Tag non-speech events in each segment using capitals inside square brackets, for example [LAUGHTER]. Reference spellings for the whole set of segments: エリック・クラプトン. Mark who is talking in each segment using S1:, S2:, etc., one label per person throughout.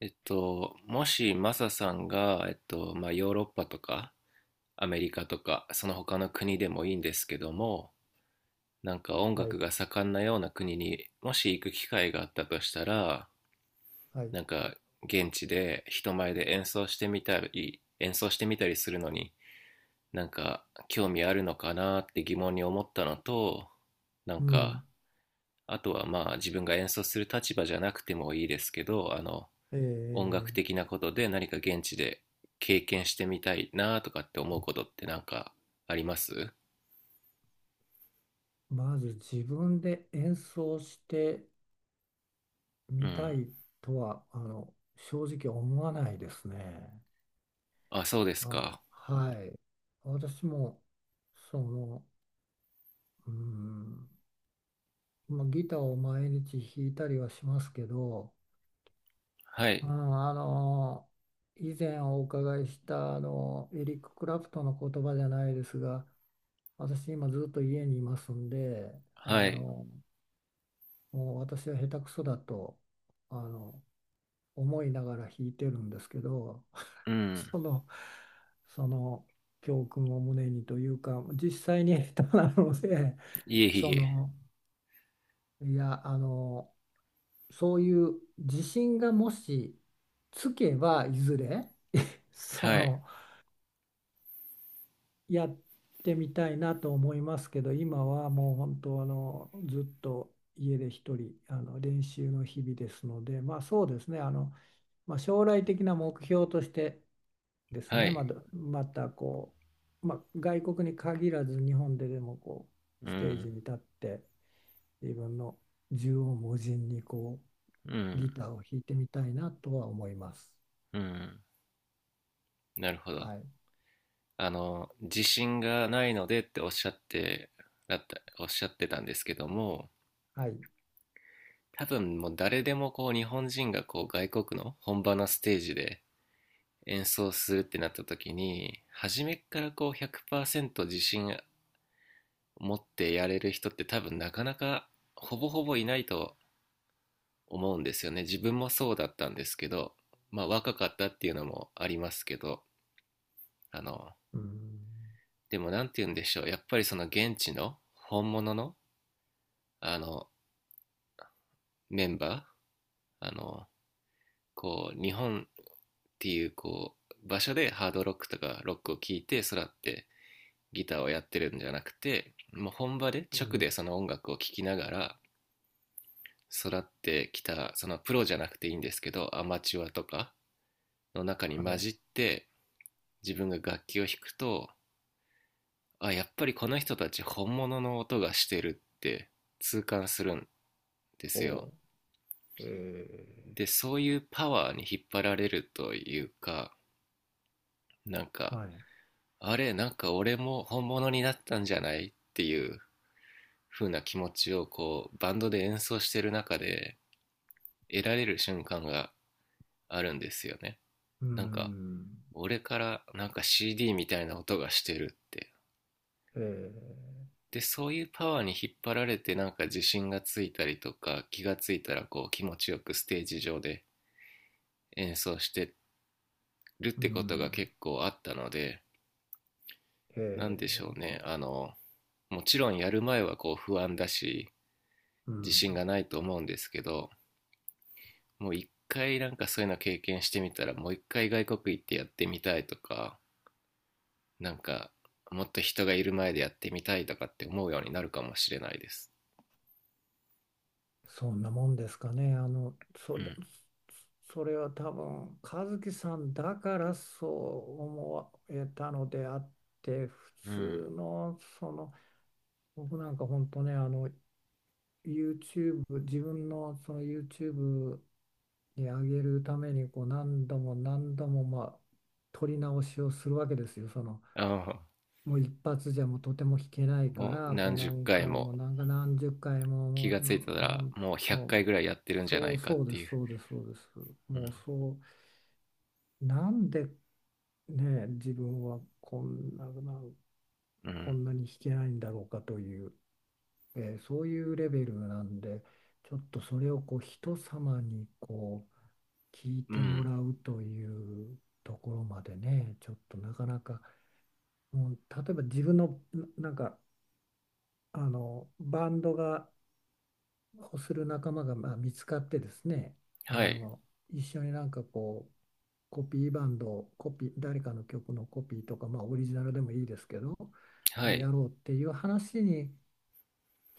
S1: もしマサさんが、まあ、ヨーロッパとかアメリカとかその他の国でもいいんですけども、なんか音
S2: はい。
S1: 楽が盛んなような国にもし行く機会があったとしたら、
S2: はい。
S1: なんか現地で人前で演奏してみたりするのに、なんか興味あるのかなって疑問に思ったのと、なん
S2: う
S1: か、
S2: ん。
S1: あとはまあ自分が演奏する立場じゃなくてもいいですけど、
S2: え
S1: 音楽
S2: ー
S1: 的なことで何か現地で経験してみたいなとかって思うことってなんかあります？
S2: まず自分で演奏して
S1: う
S2: みた
S1: ん。
S2: いとは、正直思わないですね。
S1: あ、そうですか。
S2: はい、私も、その、うん、まあ、ギターを毎日弾いたりはしますけど、
S1: は
S2: う
S1: い。
S2: ん、あの、以前お伺いした、エリック・クラプトンの言葉じゃないですが、私今ずっと家にいますんで、
S1: は
S2: あ
S1: い。
S2: の、もう私は下手くそだとあの思いながら弾いてるんですけど、
S1: う
S2: [LAUGHS]
S1: ん。
S2: そのその教訓を胸にというか実際に下手なので、
S1: いえい
S2: そ
S1: え。
S2: のいや、そういう自信がもしつけばいずれ
S1: は
S2: そ
S1: い。
S2: のやってみたいなと思いますけど、今はもう本当ずっと家で一人練習の日々ですので、まあそうですね、まあ、将来的な目標としてです
S1: は
S2: ね、
S1: い。
S2: またまあ、外国に限らず日本ででも
S1: う
S2: ステージ
S1: ん。
S2: に立って、自分の縦横無尽に
S1: う
S2: ギ
S1: ん。
S2: ターを弾いてみたいなとは思います。
S1: うん。なるほど。
S2: はい。
S1: 自信がないのでっておっしゃって、だった、おっしゃってたんですけども、
S2: はい。
S1: 多分もう誰でもこう日本人がこう外国の本場のステージで演奏するってなった時に初めからこう100%自信持ってやれる人って多分なかなかほぼほぼいないと思うんですよね。自分もそうだったんですけど、まあ若かったっていうのもありますけど、あの
S2: うん。
S1: でもなんて言うんでしょう、やっぱりその現地の本物のあのメンバーこう日本っていうこう場所でハードロックとかロックを聴いて育ってギターをやってるんじゃなくて、もう本場で
S2: う
S1: 直
S2: ん。
S1: でその音楽を聴きながら育ってきたそのプロじゃなくていいんですけど、アマチュアとかの中に
S2: は
S1: 混
S2: い。
S1: じって自分が楽器を弾くと、あ、やっぱりこの人たち本物の音がしてるって痛感するんですよ。
S2: ほう。
S1: で、そういうパワーに引っ張られるというか、なんか
S2: はい。
S1: なんか俺も本物になったんじゃないっていう風な気持ちをこうバンドで演奏してる中で得られる瞬間があるんですよね。
S2: う
S1: なんか、
S2: ん。
S1: 俺からなんか CD みたいな音がしてるって。
S2: ええ、
S1: で、そういうパワーに引っ張られてなんか自信がついたりとか、気がついたらこう気持ちよくステージ上で演奏してるっ
S2: う
S1: てことが
S2: ん。
S1: 結構あったので、なん
S2: え
S1: でしょう
S2: え、
S1: ね。もちろんやる前はこう不安だし、
S2: う
S1: 自
S2: ん。
S1: 信がないと思うんですけど、もう一回なんかそういうの経験してみたら、もう一回外国行ってやってみたいとか、なんかもっと人がいる前でやってみたいとかって思うようになるかもしれないです。
S2: そんなもんですかね。
S1: うん
S2: それは多分、和樹さんだからそう思えたのであって、普
S1: うん。
S2: 通の、僕なんか本当ね、自分のその YouTube に上げるために、何度も何度も、まあ、撮り直しをするわけですよ。
S1: あ、
S2: もう一発じゃもうとても弾けないか
S1: もう
S2: ら、
S1: 何十
S2: 何
S1: 回
S2: 回も
S1: も、
S2: 何十回も、
S1: 気
S2: もう
S1: がついたら
S2: 本
S1: もう100
S2: 当。
S1: 回ぐらいやってるんじゃな
S2: そ
S1: い
S2: う
S1: かっ
S2: そうで
S1: てい
S2: す、
S1: う。
S2: そうです、そうです。
S1: うん。
S2: もうそうなんでね、自分は
S1: う
S2: こ
S1: ん
S2: んなに弾けないんだろうかという、そういうレベルなんで、ちょっとそれを人様に聞い
S1: う
S2: ても
S1: ん、
S2: らうというところまでね、ちょっとなかなか、もう例えば自分のなんかバンドがをする仲間がまあ見つかってですね、あ
S1: はい
S2: の一緒になんかコピーバンドをコピー誰かの曲のコピーとか、まあ、オリジナルでもいいですけど、そ
S1: は
S2: れや
S1: い、
S2: ろうっていう話に、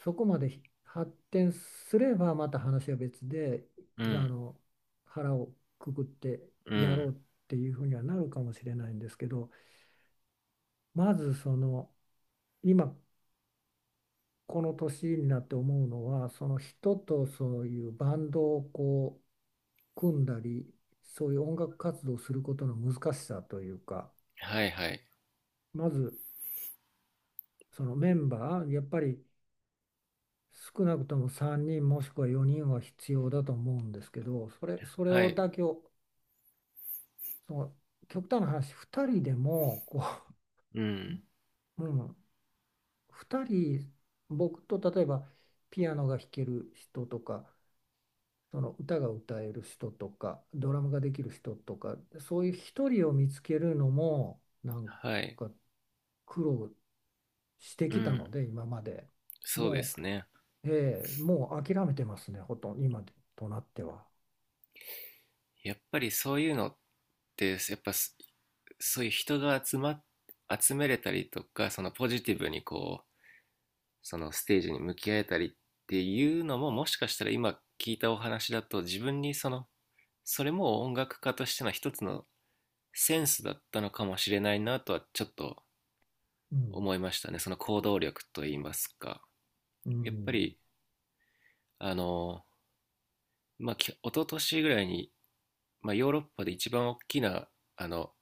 S2: そこまで発展すればまた話は別で、
S1: う
S2: あ
S1: ん。
S2: の腹をくくって
S1: う
S2: やろ
S1: ん。
S2: うっていうふうにはなるかもしれないんですけど、まず今この年になって思うのは、その人とそういうバンドを組んだり、そういう音楽活動をすることの難しさというか、
S1: はいはい
S2: まずメンバーやっぱり少なくとも3人もしくは4人は必要だと思うんですけど、それ
S1: はい、
S2: だけを、その極端な話2人でも
S1: う
S2: う、
S1: ん。
S2: [LAUGHS] うん、2人、僕と例えばピアノが弾ける人とか、歌が歌える人とか、ドラムができる人とか、そういう一人を見つけるのもなん
S1: はい、
S2: か苦労して
S1: う
S2: きた
S1: ん。
S2: ので今まで。
S1: そうで
S2: も
S1: すね、
S2: う、ええ、もう諦めてますね、ほとんど今となっては。
S1: やっぱりそういうのって、やっぱそういう人が集まっ集めれたりとか、そのポジティブにこうそのステージに向き合えたりっていうのも、もしかしたら今聞いたお話だと、自分にそれも音楽家としての一つのセンスだったのかもしれないなとはちょっと
S2: うん、
S1: 思いましたね、その行動力といいますか。
S2: う
S1: やっぱ
S2: ん、
S1: りあのまあ一昨年ぐらいに、まあ、ヨーロッパで一番大きなあの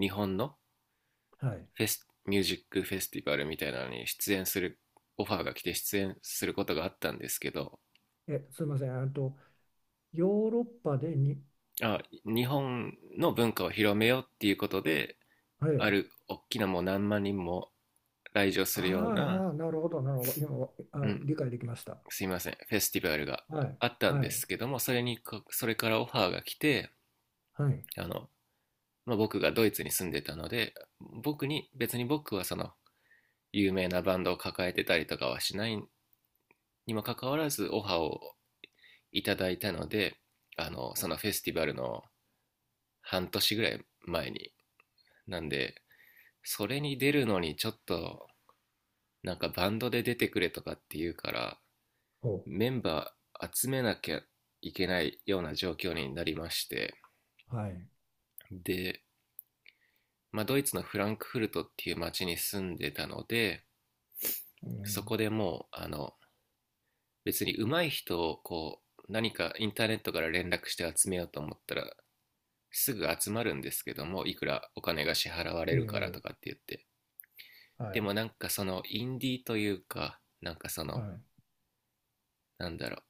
S1: 日本の
S2: はい。
S1: フェスミュージックフェスティバルみたいなのに出演するオファーが来て出演することがあったんですけど、
S2: すいません、あとヨーロッパでに、
S1: あ、日本の文化を広めようっていうことで、
S2: え
S1: あ
S2: え、
S1: る大きな、もう何万人も来場するような、
S2: ああ、なるほど、なるほど、今、
S1: うん、
S2: 理解できました。
S1: すいません、フェスティバルが
S2: はい。
S1: あったん
S2: は
S1: で
S2: い。
S1: すけども、それにそれからオファーが来て、
S2: はい。
S1: あの、まあ、僕がドイツに住んでたので、別に僕は有名なバンドを抱えてたりとかはしないにもかかわらずオファーをいただいたので、そのフェスティバルの半年ぐらい前に、なんで、それに出るのにちょっとなんかバンドで出てくれとかって言うから、
S2: ほ
S1: メンバー集めなきゃいけないような状況になりまして、
S2: う。はい、
S1: で、まあ、ドイツのフランクフルトっていう町に住んでたので、
S2: う
S1: そ
S2: ん、
S1: こでもう別に上手い人をこう何かインターネットから連絡して集めようと思ったらすぐ集まるんですけども、いくらお金が支払われ
S2: え
S1: るからとかっ
S2: え。
S1: て言って、
S2: は
S1: で
S2: い。
S1: もなんかそのインディーというか、なんか
S2: はい。
S1: なんだろう、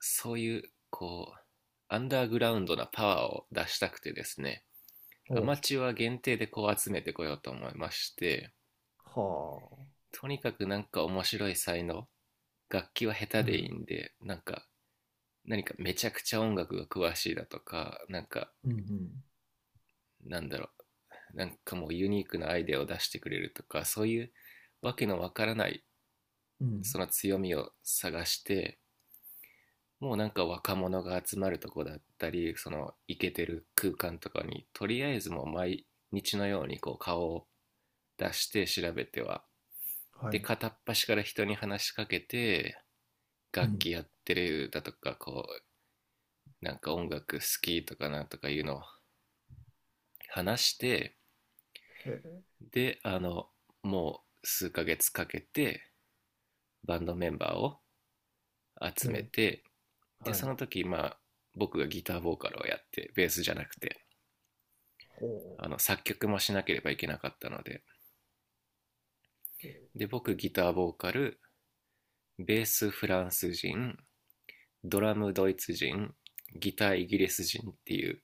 S1: そういう、こう、アンダーグラウンドなパワーを出したくてですね、ア
S2: お
S1: マ
S2: う。
S1: チュア限定でこう集めてこようと思いまして、
S2: はあ。
S1: とにかくなんか面白い才能、楽器は下手
S2: う
S1: でいい
S2: ん。
S1: んで、なんか、何かめちゃくちゃ音楽が詳しいだとか、なんか、
S2: うん、
S1: なんだろう、なんかもうユニークなアイデアを出してくれるとか、そういうわけのわからない、
S2: うん、うん。
S1: その強みを探して、もうなんか若者が集まるとこだったり、そのイケてる空間とかに、とりあえずもう毎日のようにこう顔を出して調べては、
S2: は
S1: で、
S2: い。
S1: 片っ端から人に話しかけて、
S2: う
S1: 楽
S2: ん。
S1: 器やってるだとか、こう、なんか音楽好きとかなんとかいうのを話して、
S2: へえ、
S1: で、もう数ヶ月かけてバンドメンバーを集
S2: へ
S1: め
S2: え。
S1: て、で、
S2: は
S1: そ
S2: い。
S1: の時、まあ、僕がギターボーカルをやって、ベースじゃなくて、
S2: ほ
S1: 作曲もしなければいけなかったので、
S2: う。へえ、
S1: で僕ギターボーカル、ベースフランス人、ドラムドイツ人、ギターイギリス人っていう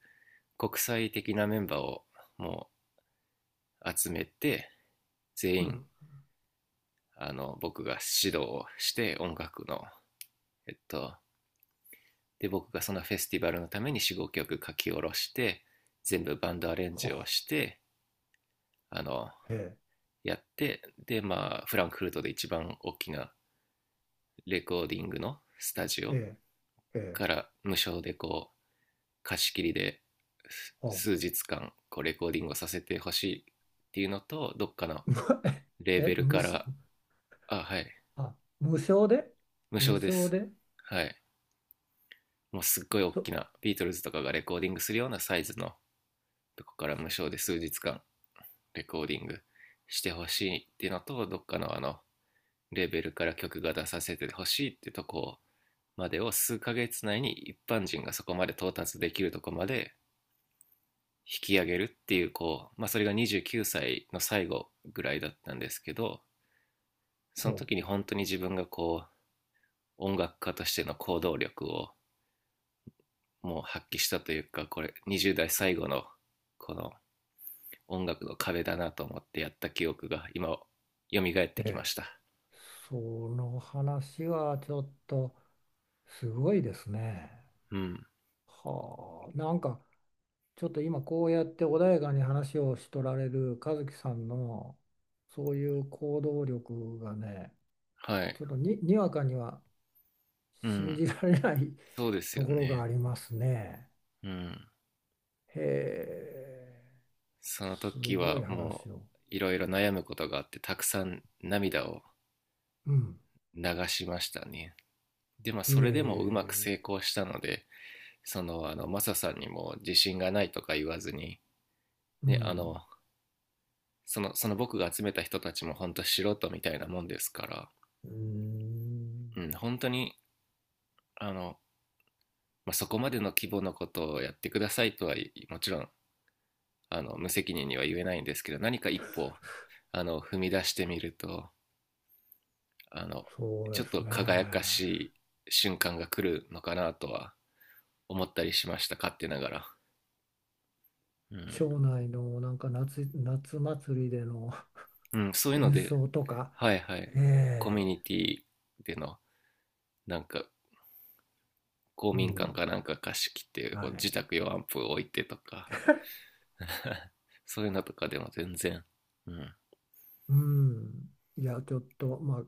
S1: 国際的なメンバーをもう集めて、全
S2: う
S1: 員
S2: ん。
S1: 僕が指導をして、音楽のえっとで、僕がそのフェスティバルのために45曲書き下ろして、全部バンドアレンジ
S2: ほ
S1: をして、あの
S2: う。へえ、
S1: やって、でまあフランクフルトで一番大きなレコーディングのスタジ
S2: へ
S1: オ
S2: え、へえ、
S1: から、無償でこう貸し切りで
S2: ほ
S1: 数日間こうレコーディングをさせてほしいっていうのと、どっかの
S2: う。[LAUGHS]
S1: レーベ
S2: え、
S1: ル
S2: 無
S1: か
S2: し、
S1: ら、あ、はい、
S2: あ、無償で、
S1: 無
S2: 無
S1: 償で
S2: 償
S1: す。
S2: で、
S1: はい、もうすっごい大
S2: そ、
S1: きなビートルズとかがレコーディングするようなサイズのとこから無償で数日間レコーディングしてほしいっていうのと、どっかのレーベルから曲が出させてほしいってとこまでを、数ヶ月内に一般人がそこまで到達できるとこまで引き上げるっていう、こう、まあ、それが29歳の最後ぐらいだったんですけど、その
S2: ほ
S1: 時に本当に自分がこう音楽家としての行動力をもう発揮したというか、これ20代最後のこの音楽の壁だなと思ってやった記憶が今蘇っ
S2: う。
S1: てきま
S2: ええ。
S1: した。
S2: その話はちょっとすごいですね。
S1: うん、
S2: はあ。なんかちょっと今こうやって穏やかに話をしとられる和樹さんのそういう行動力がね、
S1: はい、
S2: ちょっとにわかには
S1: う
S2: 信
S1: ん、
S2: じられない
S1: そうで
S2: [LAUGHS]
S1: す
S2: と
S1: よ
S2: ころが
S1: ね、
S2: ありますね。
S1: うん。
S2: へえ、
S1: その
S2: す
S1: 時
S2: ごい
S1: はも
S2: 話を。
S1: ういろいろ悩むことがあって、たくさん涙を
S2: うん。
S1: 流しましたね。で、まあ、
S2: へ
S1: それでもうまく成
S2: え、
S1: 功したので、マサさんにも自信がないとか言わずに、
S2: う
S1: ね、
S2: ん。
S1: その僕が集めた人たちも本当素人みたいなもんですから、
S2: うーん、
S1: うん、本当に、あの、まあ、そこまでの規模のことをやってくださいとは、もちろん、無責任には言えないんですけど、何か一歩、踏み出してみると、あの、
S2: そう
S1: ちょ
S2: で
S1: っ
S2: す
S1: と
S2: ね。
S1: 輝かしい瞬間が来るのかなとは思ったりしました、勝手ながら。う
S2: 町内のなんか夏祭りでの
S1: ん、うん、そう
S2: [LAUGHS]
S1: いうの
S2: 演
S1: で、
S2: 奏とか。
S1: はいはい。コミュ
S2: え
S1: ニティでの、なんか、公
S2: え、う
S1: 民館
S2: ん。
S1: かなんか貸し切って、
S2: は
S1: こう
S2: い。
S1: 自宅用アンプを置いてとか、[LAUGHS] そういうのとかでも全然、うん。
S2: うん。いや、ちょっと、ま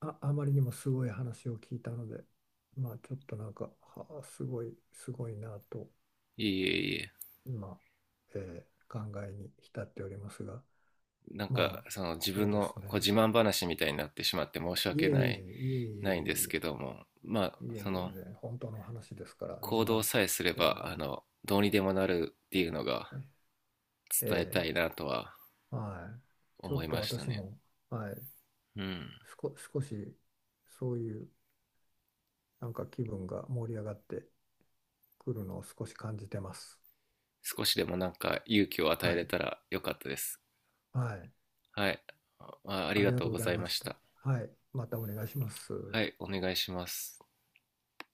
S2: あ、あまりにもすごい話を聞いたので、まあ、ちょっとなんか、はあ、すごい、すごいなと、
S1: いえいえいえ。
S2: 今、考えに浸っておりますが、
S1: なんか、
S2: まあ、
S1: 自
S2: そう
S1: 分
S2: で
S1: の
S2: す
S1: こう
S2: ね。
S1: 自慢話みたいになってしまって申し
S2: い
S1: 訳
S2: えい
S1: ない、
S2: え、いえ
S1: ないんです
S2: い
S1: けども、まあ、
S2: えいえいえ、いえ、全然、本当の話ですから、自
S1: 行
S2: 慢
S1: 動さえすれ
S2: ではな
S1: ば、
S2: い。
S1: どうにでもなるっていうのが
S2: え
S1: 伝えた
S2: え、
S1: いなとは
S2: はい。ちょ
S1: 思い
S2: っと
S1: ました
S2: 私
S1: ね。
S2: も、はい、
S1: うん。
S2: 少し、そういう、なんか気分が盛り上がってくるのを少し感じてます。
S1: 少しでもなんか勇気を与
S2: は
S1: えれ
S2: い。
S1: たらよかったです。
S2: はい。
S1: はい。あまあり
S2: あり
S1: が
S2: が
S1: と
S2: と
S1: う
S2: うご
S1: ご
S2: ざい
S1: ざい
S2: ま
S1: ま
S2: し
S1: し
S2: た。
S1: た。
S2: はい。またお願いします。
S1: はい、お願いします。